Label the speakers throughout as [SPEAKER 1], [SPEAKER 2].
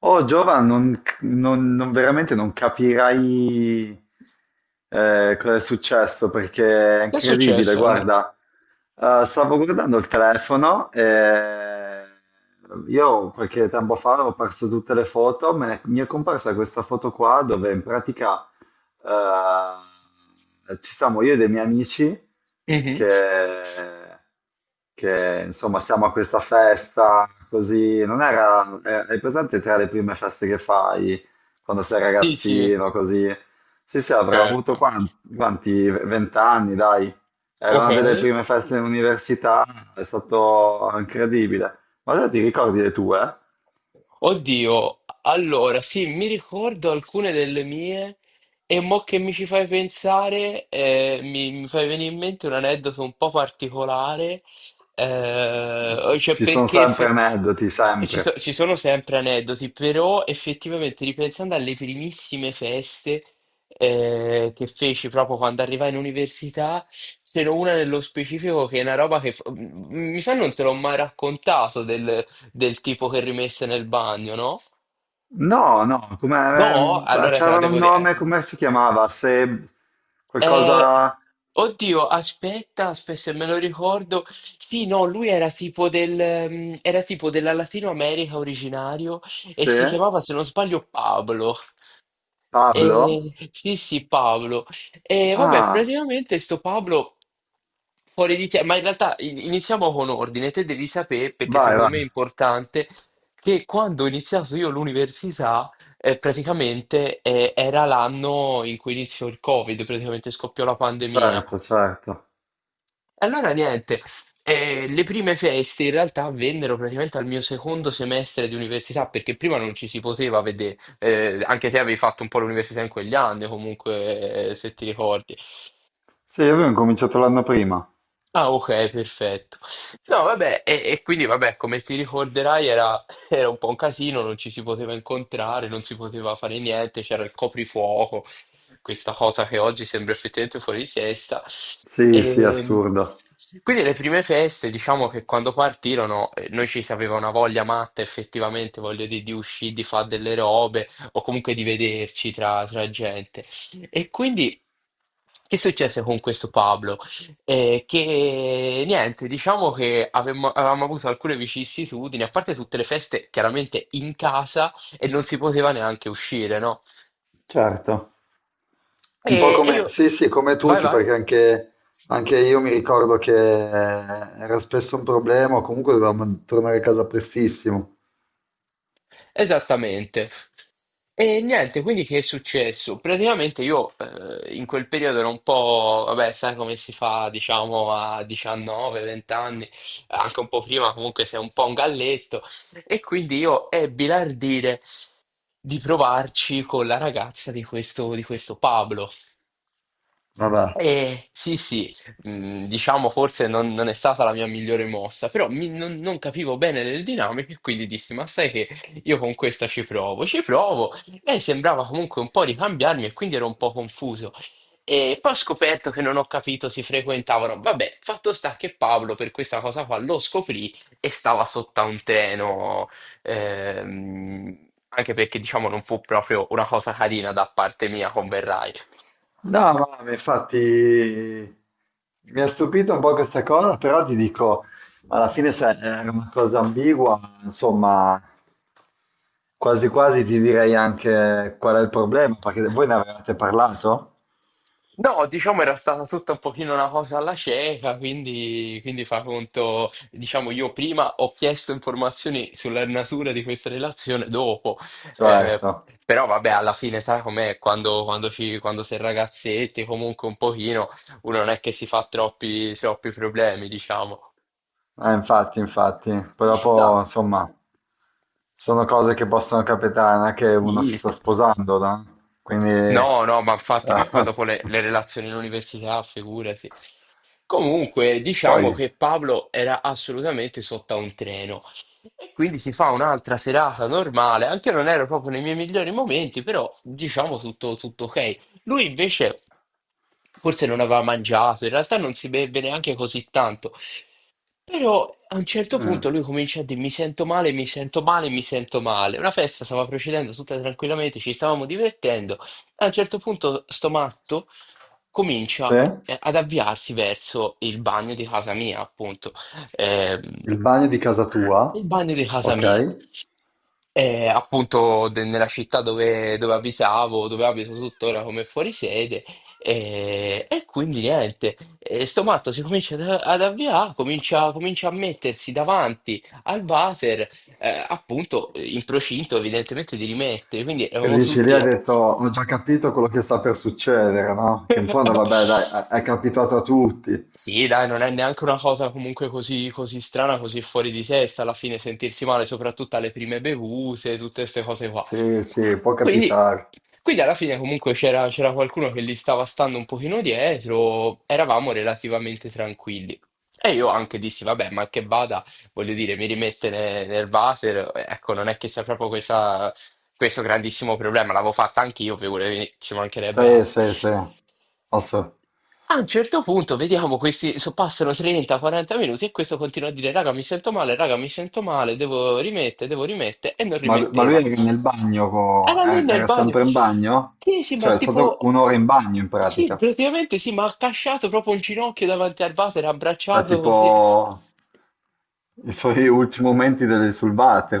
[SPEAKER 1] Oh, Giovan, veramente non capirai cosa è successo perché è
[SPEAKER 2] Che è
[SPEAKER 1] incredibile.
[SPEAKER 2] successo, Andrea?
[SPEAKER 1] Guarda, stavo guardando il telefono e io qualche tempo fa ho perso tutte le foto, mi è comparsa questa foto qua dove in pratica ci siamo io e dei miei amici
[SPEAKER 2] Mhm.
[SPEAKER 1] che, insomma siamo a questa festa così, non era, hai presente tra le prime feste che fai quando sei
[SPEAKER 2] Sì, sì,
[SPEAKER 1] ragazzino così? Sì, sì, avrà avuto
[SPEAKER 2] certo.
[SPEAKER 1] quanti, vent'anni, dai. Era
[SPEAKER 2] Ok.
[SPEAKER 1] una delle prime feste in università, è stato incredibile. Ma te ti ricordi le tue?
[SPEAKER 2] Oddio, allora sì, mi ricordo alcune delle mie e mo che mi ci fai pensare, mi fai venire in mente un aneddoto un po' particolare. Cioè
[SPEAKER 1] Ci sono
[SPEAKER 2] perché
[SPEAKER 1] sempre
[SPEAKER 2] fe-
[SPEAKER 1] aneddoti,
[SPEAKER 2] e ci,
[SPEAKER 1] sempre.
[SPEAKER 2] so- ci sono sempre aneddoti, però effettivamente ripensando alle primissime feste che feci proprio quando arrivai in università, ce n'è una nello specifico che è una roba che mi sa non te l'ho mai raccontato, del tipo che rimesse nel bagno, no?
[SPEAKER 1] No,
[SPEAKER 2] No,
[SPEAKER 1] come,
[SPEAKER 2] allora te la
[SPEAKER 1] c'era un
[SPEAKER 2] devo dire.
[SPEAKER 1] nome, come si chiamava? Se
[SPEAKER 2] Eh, eh,
[SPEAKER 1] qualcosa,
[SPEAKER 2] oddio, aspetta, aspetta, se me lo ricordo. Sì, no, lui era era tipo della Latino America, originario, e si
[SPEAKER 1] se
[SPEAKER 2] chiamava, se non sbaglio, Pablo.
[SPEAKER 1] Pablo?
[SPEAKER 2] Sì, sì, Pablo. E vabbè,
[SPEAKER 1] Ah,
[SPEAKER 2] praticamente sto Pablo fuori di te, ma in realtà iniziamo con ordine. Te devi sapere, perché
[SPEAKER 1] vai,
[SPEAKER 2] secondo
[SPEAKER 1] vai,
[SPEAKER 2] me è importante, che quando ho iniziato io l'università. Praticamente era l'anno in cui iniziò il Covid, praticamente scoppiò la pandemia.
[SPEAKER 1] certo, certo.
[SPEAKER 2] E allora niente, le prime feste in realtà avvennero praticamente al mio secondo semestre di università, perché prima non ci si poteva vedere. Anche te avevi fatto un po' l'università in quegli anni, comunque, se ti ricordi.
[SPEAKER 1] Sì, io avevo cominciato l'anno prima.
[SPEAKER 2] Ah, ok, perfetto. No, vabbè, e quindi, vabbè, come ti ricorderai, era, era un po' un casino, non ci si poteva incontrare, non si poteva fare niente, c'era il coprifuoco, questa cosa che oggi sembra effettivamente fuori di testa.
[SPEAKER 1] Sì, sì,
[SPEAKER 2] E
[SPEAKER 1] assurdo.
[SPEAKER 2] quindi le prime feste, diciamo, che quando partirono, noi ci sapeva una voglia matta, effettivamente, voglio dire, di uscire, di fare delle robe, o comunque di vederci tra, tra gente. E quindi, che successe con questo Pablo? E che niente, diciamo che avevamo avuto alcune vicissitudini, a parte tutte le feste chiaramente in casa, e non si poteva neanche uscire, no?
[SPEAKER 1] Certo.
[SPEAKER 2] E,
[SPEAKER 1] Un po'
[SPEAKER 2] e
[SPEAKER 1] come,
[SPEAKER 2] io...
[SPEAKER 1] sì, sì, come
[SPEAKER 2] Vai,
[SPEAKER 1] tutti,
[SPEAKER 2] vai.
[SPEAKER 1] perché anche, anche io mi ricordo che era spesso un problema, o comunque dovevamo tornare a casa prestissimo.
[SPEAKER 2] Esattamente. E niente, quindi che è successo? Praticamente io in quel periodo ero un po', vabbè, sai come si fa, diciamo, a 19-20 anni, anche un po' prima, comunque sei un po' un galletto, e quindi io ebbi l'ardire di provarci con la ragazza di questo Pablo.
[SPEAKER 1] Vabbè.
[SPEAKER 2] Sì, sì, diciamo forse non è stata la mia migliore mossa, però non capivo bene le dinamiche, e quindi dissi, ma sai che io con questa ci provo, ci provo. Lei sembrava comunque un po' ricambiarmi, e quindi ero un po' confuso. E poi ho scoperto che, non ho capito, si frequentavano. Vabbè, fatto sta che Paolo per questa cosa qua lo scoprì e stava sotto a un treno. Anche perché diciamo non fu proprio una cosa carina da parte mia, converrai.
[SPEAKER 1] No, ma infatti mi ha stupito un po' questa cosa, però ti dico, alla fine sai, era una cosa ambigua, insomma, quasi quasi ti direi anche qual è il problema, perché voi ne avevate parlato?
[SPEAKER 2] No, diciamo, era stata tutta un pochino una cosa alla cieca, quindi, quindi fa conto, diciamo io prima ho chiesto informazioni sulla natura di questa relazione, dopo, eh,
[SPEAKER 1] Certo.
[SPEAKER 2] però vabbè alla fine sai com'è, quando, quando sei ragazzetti, comunque un pochino uno non è che si fa troppi, troppi problemi, diciamo.
[SPEAKER 1] Infatti, poi
[SPEAKER 2] No,
[SPEAKER 1] dopo, insomma, sono cose che possono capitare, non è che uno
[SPEAKER 2] sì,
[SPEAKER 1] si sta
[SPEAKER 2] sì.
[SPEAKER 1] sposando, no? Quindi...
[SPEAKER 2] No, no, ma infatti, ma poi dopo le relazioni in università, figurati. Comunque, diciamo
[SPEAKER 1] Poi,
[SPEAKER 2] che Pablo era assolutamente sotto a un treno. E quindi si fa un'altra serata normale. Anche io non ero proprio nei miei migliori momenti, però diciamo tutto, tutto ok. Lui invece forse non aveva mangiato, in realtà non si beve neanche così tanto. Però a un certo
[SPEAKER 1] mm.
[SPEAKER 2] punto lui comincia a dire, mi sento male, mi sento male, mi sento male. Una festa stava procedendo tutta tranquillamente, ci stavamo divertendo. A un certo punto sto matto comincia
[SPEAKER 1] C'è
[SPEAKER 2] ad avviarsi verso il bagno di casa mia, appunto. Ehm,
[SPEAKER 1] il bagno di casa tua,
[SPEAKER 2] il bagno di casa
[SPEAKER 1] ok?
[SPEAKER 2] mia. E appunto nella città dove, dove abitavo, dove abito tuttora come fuorisede, e quindi niente, e sto matto si comincia ad avviare, comincia, comincia a mettersi davanti al water, appunto in procinto evidentemente di rimettere, quindi
[SPEAKER 1] E
[SPEAKER 2] eravamo
[SPEAKER 1] dici lì hai
[SPEAKER 2] tutti...
[SPEAKER 1] detto, ho già capito quello che sta per succedere, no? Che in fondo, vabbè, dai, è capitato a tutti.
[SPEAKER 2] Sì, dai, non è neanche una cosa comunque così, così strana, così fuori di testa alla fine sentirsi male, soprattutto alle prime bevute, tutte queste cose qua.
[SPEAKER 1] Sì, sì, può
[SPEAKER 2] Quindi,
[SPEAKER 1] capitare.
[SPEAKER 2] alla fine comunque c'era qualcuno che li stava stando un pochino dietro, eravamo relativamente tranquilli. E io anche dissi, vabbè, ma che vada, voglio dire, mi rimette nel water, ecco, non è che sia proprio questo grandissimo problema, l'avevo fatta anch'io, figurati, ci mancherebbe
[SPEAKER 1] Sì,
[SPEAKER 2] altro.
[SPEAKER 1] sì, sì. Ass-
[SPEAKER 2] A un certo punto, vediamo, questi, passano 30-40 minuti e questo continua a dire, raga, mi sento male, raga, mi sento male, devo rimettere, e non
[SPEAKER 1] Ma lui
[SPEAKER 2] rimetteva.
[SPEAKER 1] era nel bagno,
[SPEAKER 2] Era lì nel
[SPEAKER 1] era
[SPEAKER 2] bagno.
[SPEAKER 1] sempre in bagno?
[SPEAKER 2] Sì, sì, ma
[SPEAKER 1] Cioè è stato
[SPEAKER 2] tipo,
[SPEAKER 1] un'ora in bagno in
[SPEAKER 2] sì,
[SPEAKER 1] pratica,
[SPEAKER 2] praticamente sì, ma ha accasciato proprio un ginocchio davanti al vaso, era
[SPEAKER 1] cioè
[SPEAKER 2] abbracciato così.
[SPEAKER 1] tipo i suoi ultimi momenti delle sulbate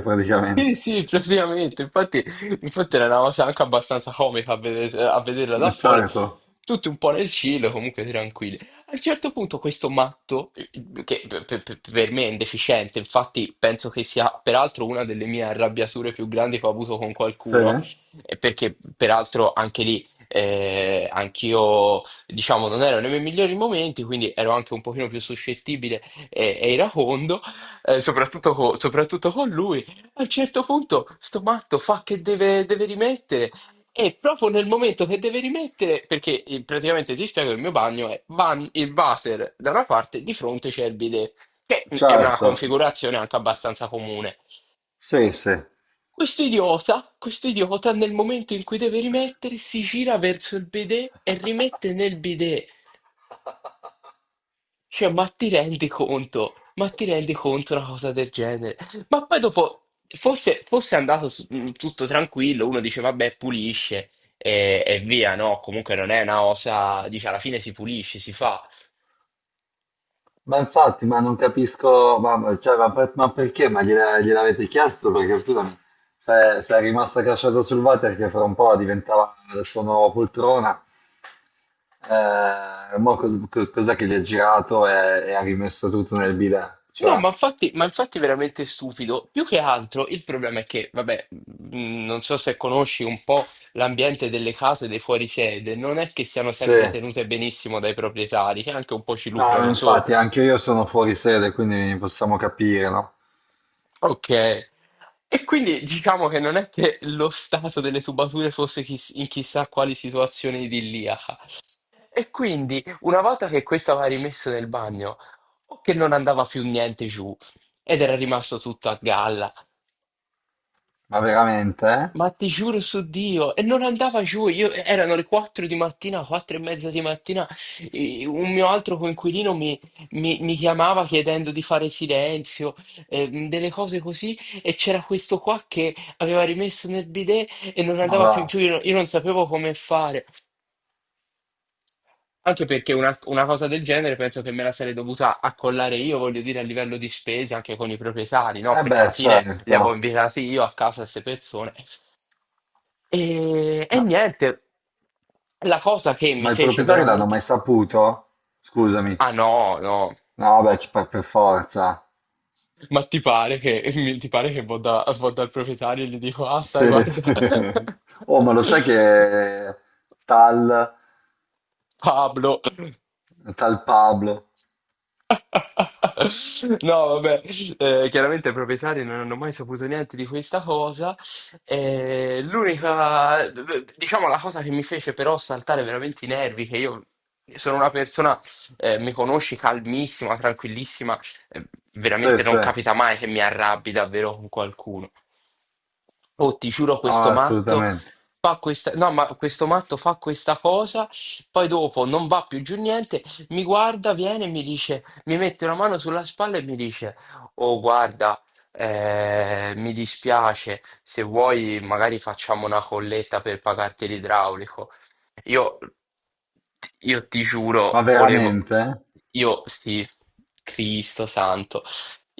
[SPEAKER 2] Sì,
[SPEAKER 1] praticamente.
[SPEAKER 2] sì, praticamente, infatti, infatti era una cosa anche abbastanza comica a, a vederla da fuori,
[SPEAKER 1] Certo,
[SPEAKER 2] tutti un po' nel cielo, comunque tranquilli. A un certo punto questo matto, che per me è indeficiente, infatti penso che sia peraltro una delle mie arrabbiature più grandi che ho avuto con
[SPEAKER 1] sì,
[SPEAKER 2] qualcuno, perché peraltro anche lì anch'io, diciamo, non ero nei miei migliori momenti, quindi ero anche un pochino più suscettibile e iracondo, soprattutto soprattutto con lui. A un certo punto sto matto fa che deve, deve rimettere, e proprio nel momento che deve rimettere, perché praticamente ti spiego, il mio bagno è il water da una parte, di fronte c'è il bidet, che è una
[SPEAKER 1] certo,
[SPEAKER 2] configurazione anche abbastanza comune.
[SPEAKER 1] sì, sì.
[SPEAKER 2] Questo idiota nel momento in cui deve rimettere si gira verso il bidet e rimette nel bidet. Cioè, ma ti rendi conto? Ma ti rendi conto una cosa del genere? Ma poi dopo, fosse, fosse andato tutto tranquillo, uno dice, vabbè, pulisce e via, no? Comunque non è una cosa, dice, alla fine si pulisce, si fa.
[SPEAKER 1] Ma infatti, ma non capisco, cioè, ma perché? Gliel'avete chiesto? Perché scusami, se è rimasto accasciato sul water che fra un po' diventava la sua nuova poltrona, mo cos'è che gli ha girato e ha rimesso tutto nel bidet?
[SPEAKER 2] No,
[SPEAKER 1] Cioè,
[SPEAKER 2] ma infatti è veramente stupido. Più che altro il problema è che, vabbè, non so se conosci un po' l'ambiente delle case dei fuorisede, non è che siano sempre
[SPEAKER 1] sì,
[SPEAKER 2] tenute benissimo dai proprietari, che anche un po' ci
[SPEAKER 1] no,
[SPEAKER 2] lucrano
[SPEAKER 1] infatti
[SPEAKER 2] sopra.
[SPEAKER 1] anche io sono fuori sede, quindi possiamo capire, no?
[SPEAKER 2] Ok. E quindi diciamo che non è che lo stato delle tubature fosse in chissà quali situazione idilliaca. E quindi una volta che questo aveva rimesso nel bagno, o che non andava più niente giù, ed era rimasto tutto a galla.
[SPEAKER 1] Ma veramente? Eh?
[SPEAKER 2] Ma ti giuro su Dio, e non andava giù, io, erano le 4 di mattina, 4 e mezza di mattina, e un mio altro coinquilino mi, mi chiamava chiedendo di fare silenzio, delle cose così, e c'era questo qua che aveva rimesso nel bidet e non
[SPEAKER 1] Ma
[SPEAKER 2] andava
[SPEAKER 1] va.
[SPEAKER 2] più giù, io non sapevo come fare. Anche perché una cosa del genere penso che me la sarei dovuta accollare io, voglio dire, a livello di spese anche con i proprietari, no?
[SPEAKER 1] Eh
[SPEAKER 2] Perché alla
[SPEAKER 1] beh,
[SPEAKER 2] fine li
[SPEAKER 1] certo.
[SPEAKER 2] avevo invitati io a casa queste persone. E
[SPEAKER 1] Ma,
[SPEAKER 2] niente, la cosa che mi
[SPEAKER 1] ma il
[SPEAKER 2] fece
[SPEAKER 1] proprietario l'hanno mai
[SPEAKER 2] veramente...
[SPEAKER 1] saputo? Scusami.
[SPEAKER 2] Ah no, no,
[SPEAKER 1] No, beh, per forza.
[SPEAKER 2] ma ti pare che, ti pare che vado, vado dal proprietario e gli dico, ah sai,
[SPEAKER 1] Sì,
[SPEAKER 2] guarda,
[SPEAKER 1] sì. Oh, ma lo sai che tal,
[SPEAKER 2] Pablo.
[SPEAKER 1] tal Pablo?
[SPEAKER 2] No, vabbè, chiaramente i proprietari non hanno mai saputo niente di questa cosa. L'unica, diciamo, la cosa che mi fece però saltare veramente i nervi, che io sono una persona, mi conosci, calmissima, tranquillissima, eh,
[SPEAKER 1] Sì,
[SPEAKER 2] veramente
[SPEAKER 1] sì.
[SPEAKER 2] non capita mai che mi arrabbi davvero con qualcuno. Oh, ti giuro,
[SPEAKER 1] Oh,
[SPEAKER 2] questo matto
[SPEAKER 1] assolutamente.
[SPEAKER 2] fa questa, no, ma questo matto fa questa cosa, poi dopo non va più giù niente, mi guarda, viene e mi dice, mi mette una mano sulla spalla e mi dice, oh, guarda, mi dispiace, se vuoi magari facciamo una colletta per pagarti l'idraulico. Io, io ti giuro,
[SPEAKER 1] Ma
[SPEAKER 2] volevo,
[SPEAKER 1] veramente?
[SPEAKER 2] io sì, Cristo santo.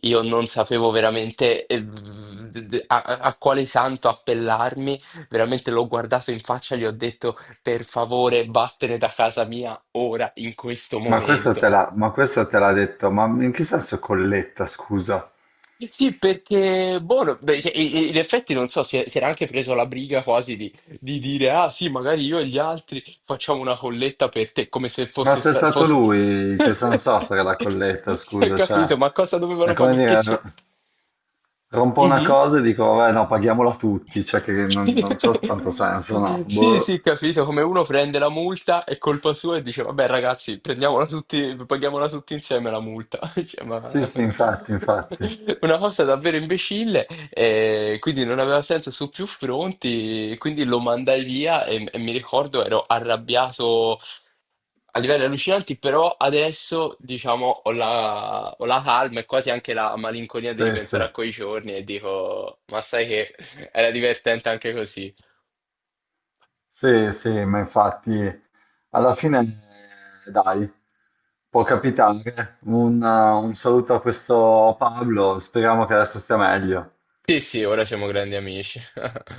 [SPEAKER 2] Io non sapevo veramente a quale santo appellarmi, veramente l'ho guardato in faccia e gli ho detto per favore vattene da casa mia ora, in questo
[SPEAKER 1] Ma questo te
[SPEAKER 2] momento.
[SPEAKER 1] l'ha ma questo te l'ha detto, ma in che senso colletta, scusa?
[SPEAKER 2] Sì, perché, buono, beh, cioè, in effetti non so, si, si era anche preso la briga quasi di dire, ah sì, magari io e gli altri facciamo una colletta per te, come se
[SPEAKER 1] Ma
[SPEAKER 2] fosse...
[SPEAKER 1] se è stato
[SPEAKER 2] fosse...
[SPEAKER 1] lui che San soffre la colletta,
[SPEAKER 2] Hai
[SPEAKER 1] scusa,
[SPEAKER 2] capito?
[SPEAKER 1] cioè,
[SPEAKER 2] Ma cosa
[SPEAKER 1] è
[SPEAKER 2] dovevano
[SPEAKER 1] come
[SPEAKER 2] pagare? Che
[SPEAKER 1] dire,
[SPEAKER 2] c'è?
[SPEAKER 1] r- rompo una
[SPEAKER 2] Mhm.
[SPEAKER 1] cosa e dico, vabbè, no, paghiamola tutti, cioè che non c'ha tanto senso, no?
[SPEAKER 2] Sì,
[SPEAKER 1] Boh.
[SPEAKER 2] sì, capito, come uno prende la multa, è colpa sua e dice, vabbè ragazzi, prendiamola tutti, paghiamola tutti insieme la multa. Cioè, ma...
[SPEAKER 1] Sì, sì, infatti, infatti.
[SPEAKER 2] Una cosa davvero imbecille, e quindi non aveva senso su più fronti, quindi lo mandai via, e mi ricordo ero arrabbiato a livelli allucinanti, però adesso diciamo ho la, ho la calma e quasi anche la malinconia di
[SPEAKER 1] Sì, sì,
[SPEAKER 2] ripensare a quei giorni e dico, ma sai che era divertente anche così.
[SPEAKER 1] sì, sì, ma infatti alla fine, dai, può capitare. Un saluto a questo Pablo, speriamo che adesso stia meglio.
[SPEAKER 2] Sì, sì, ora siamo grandi amici.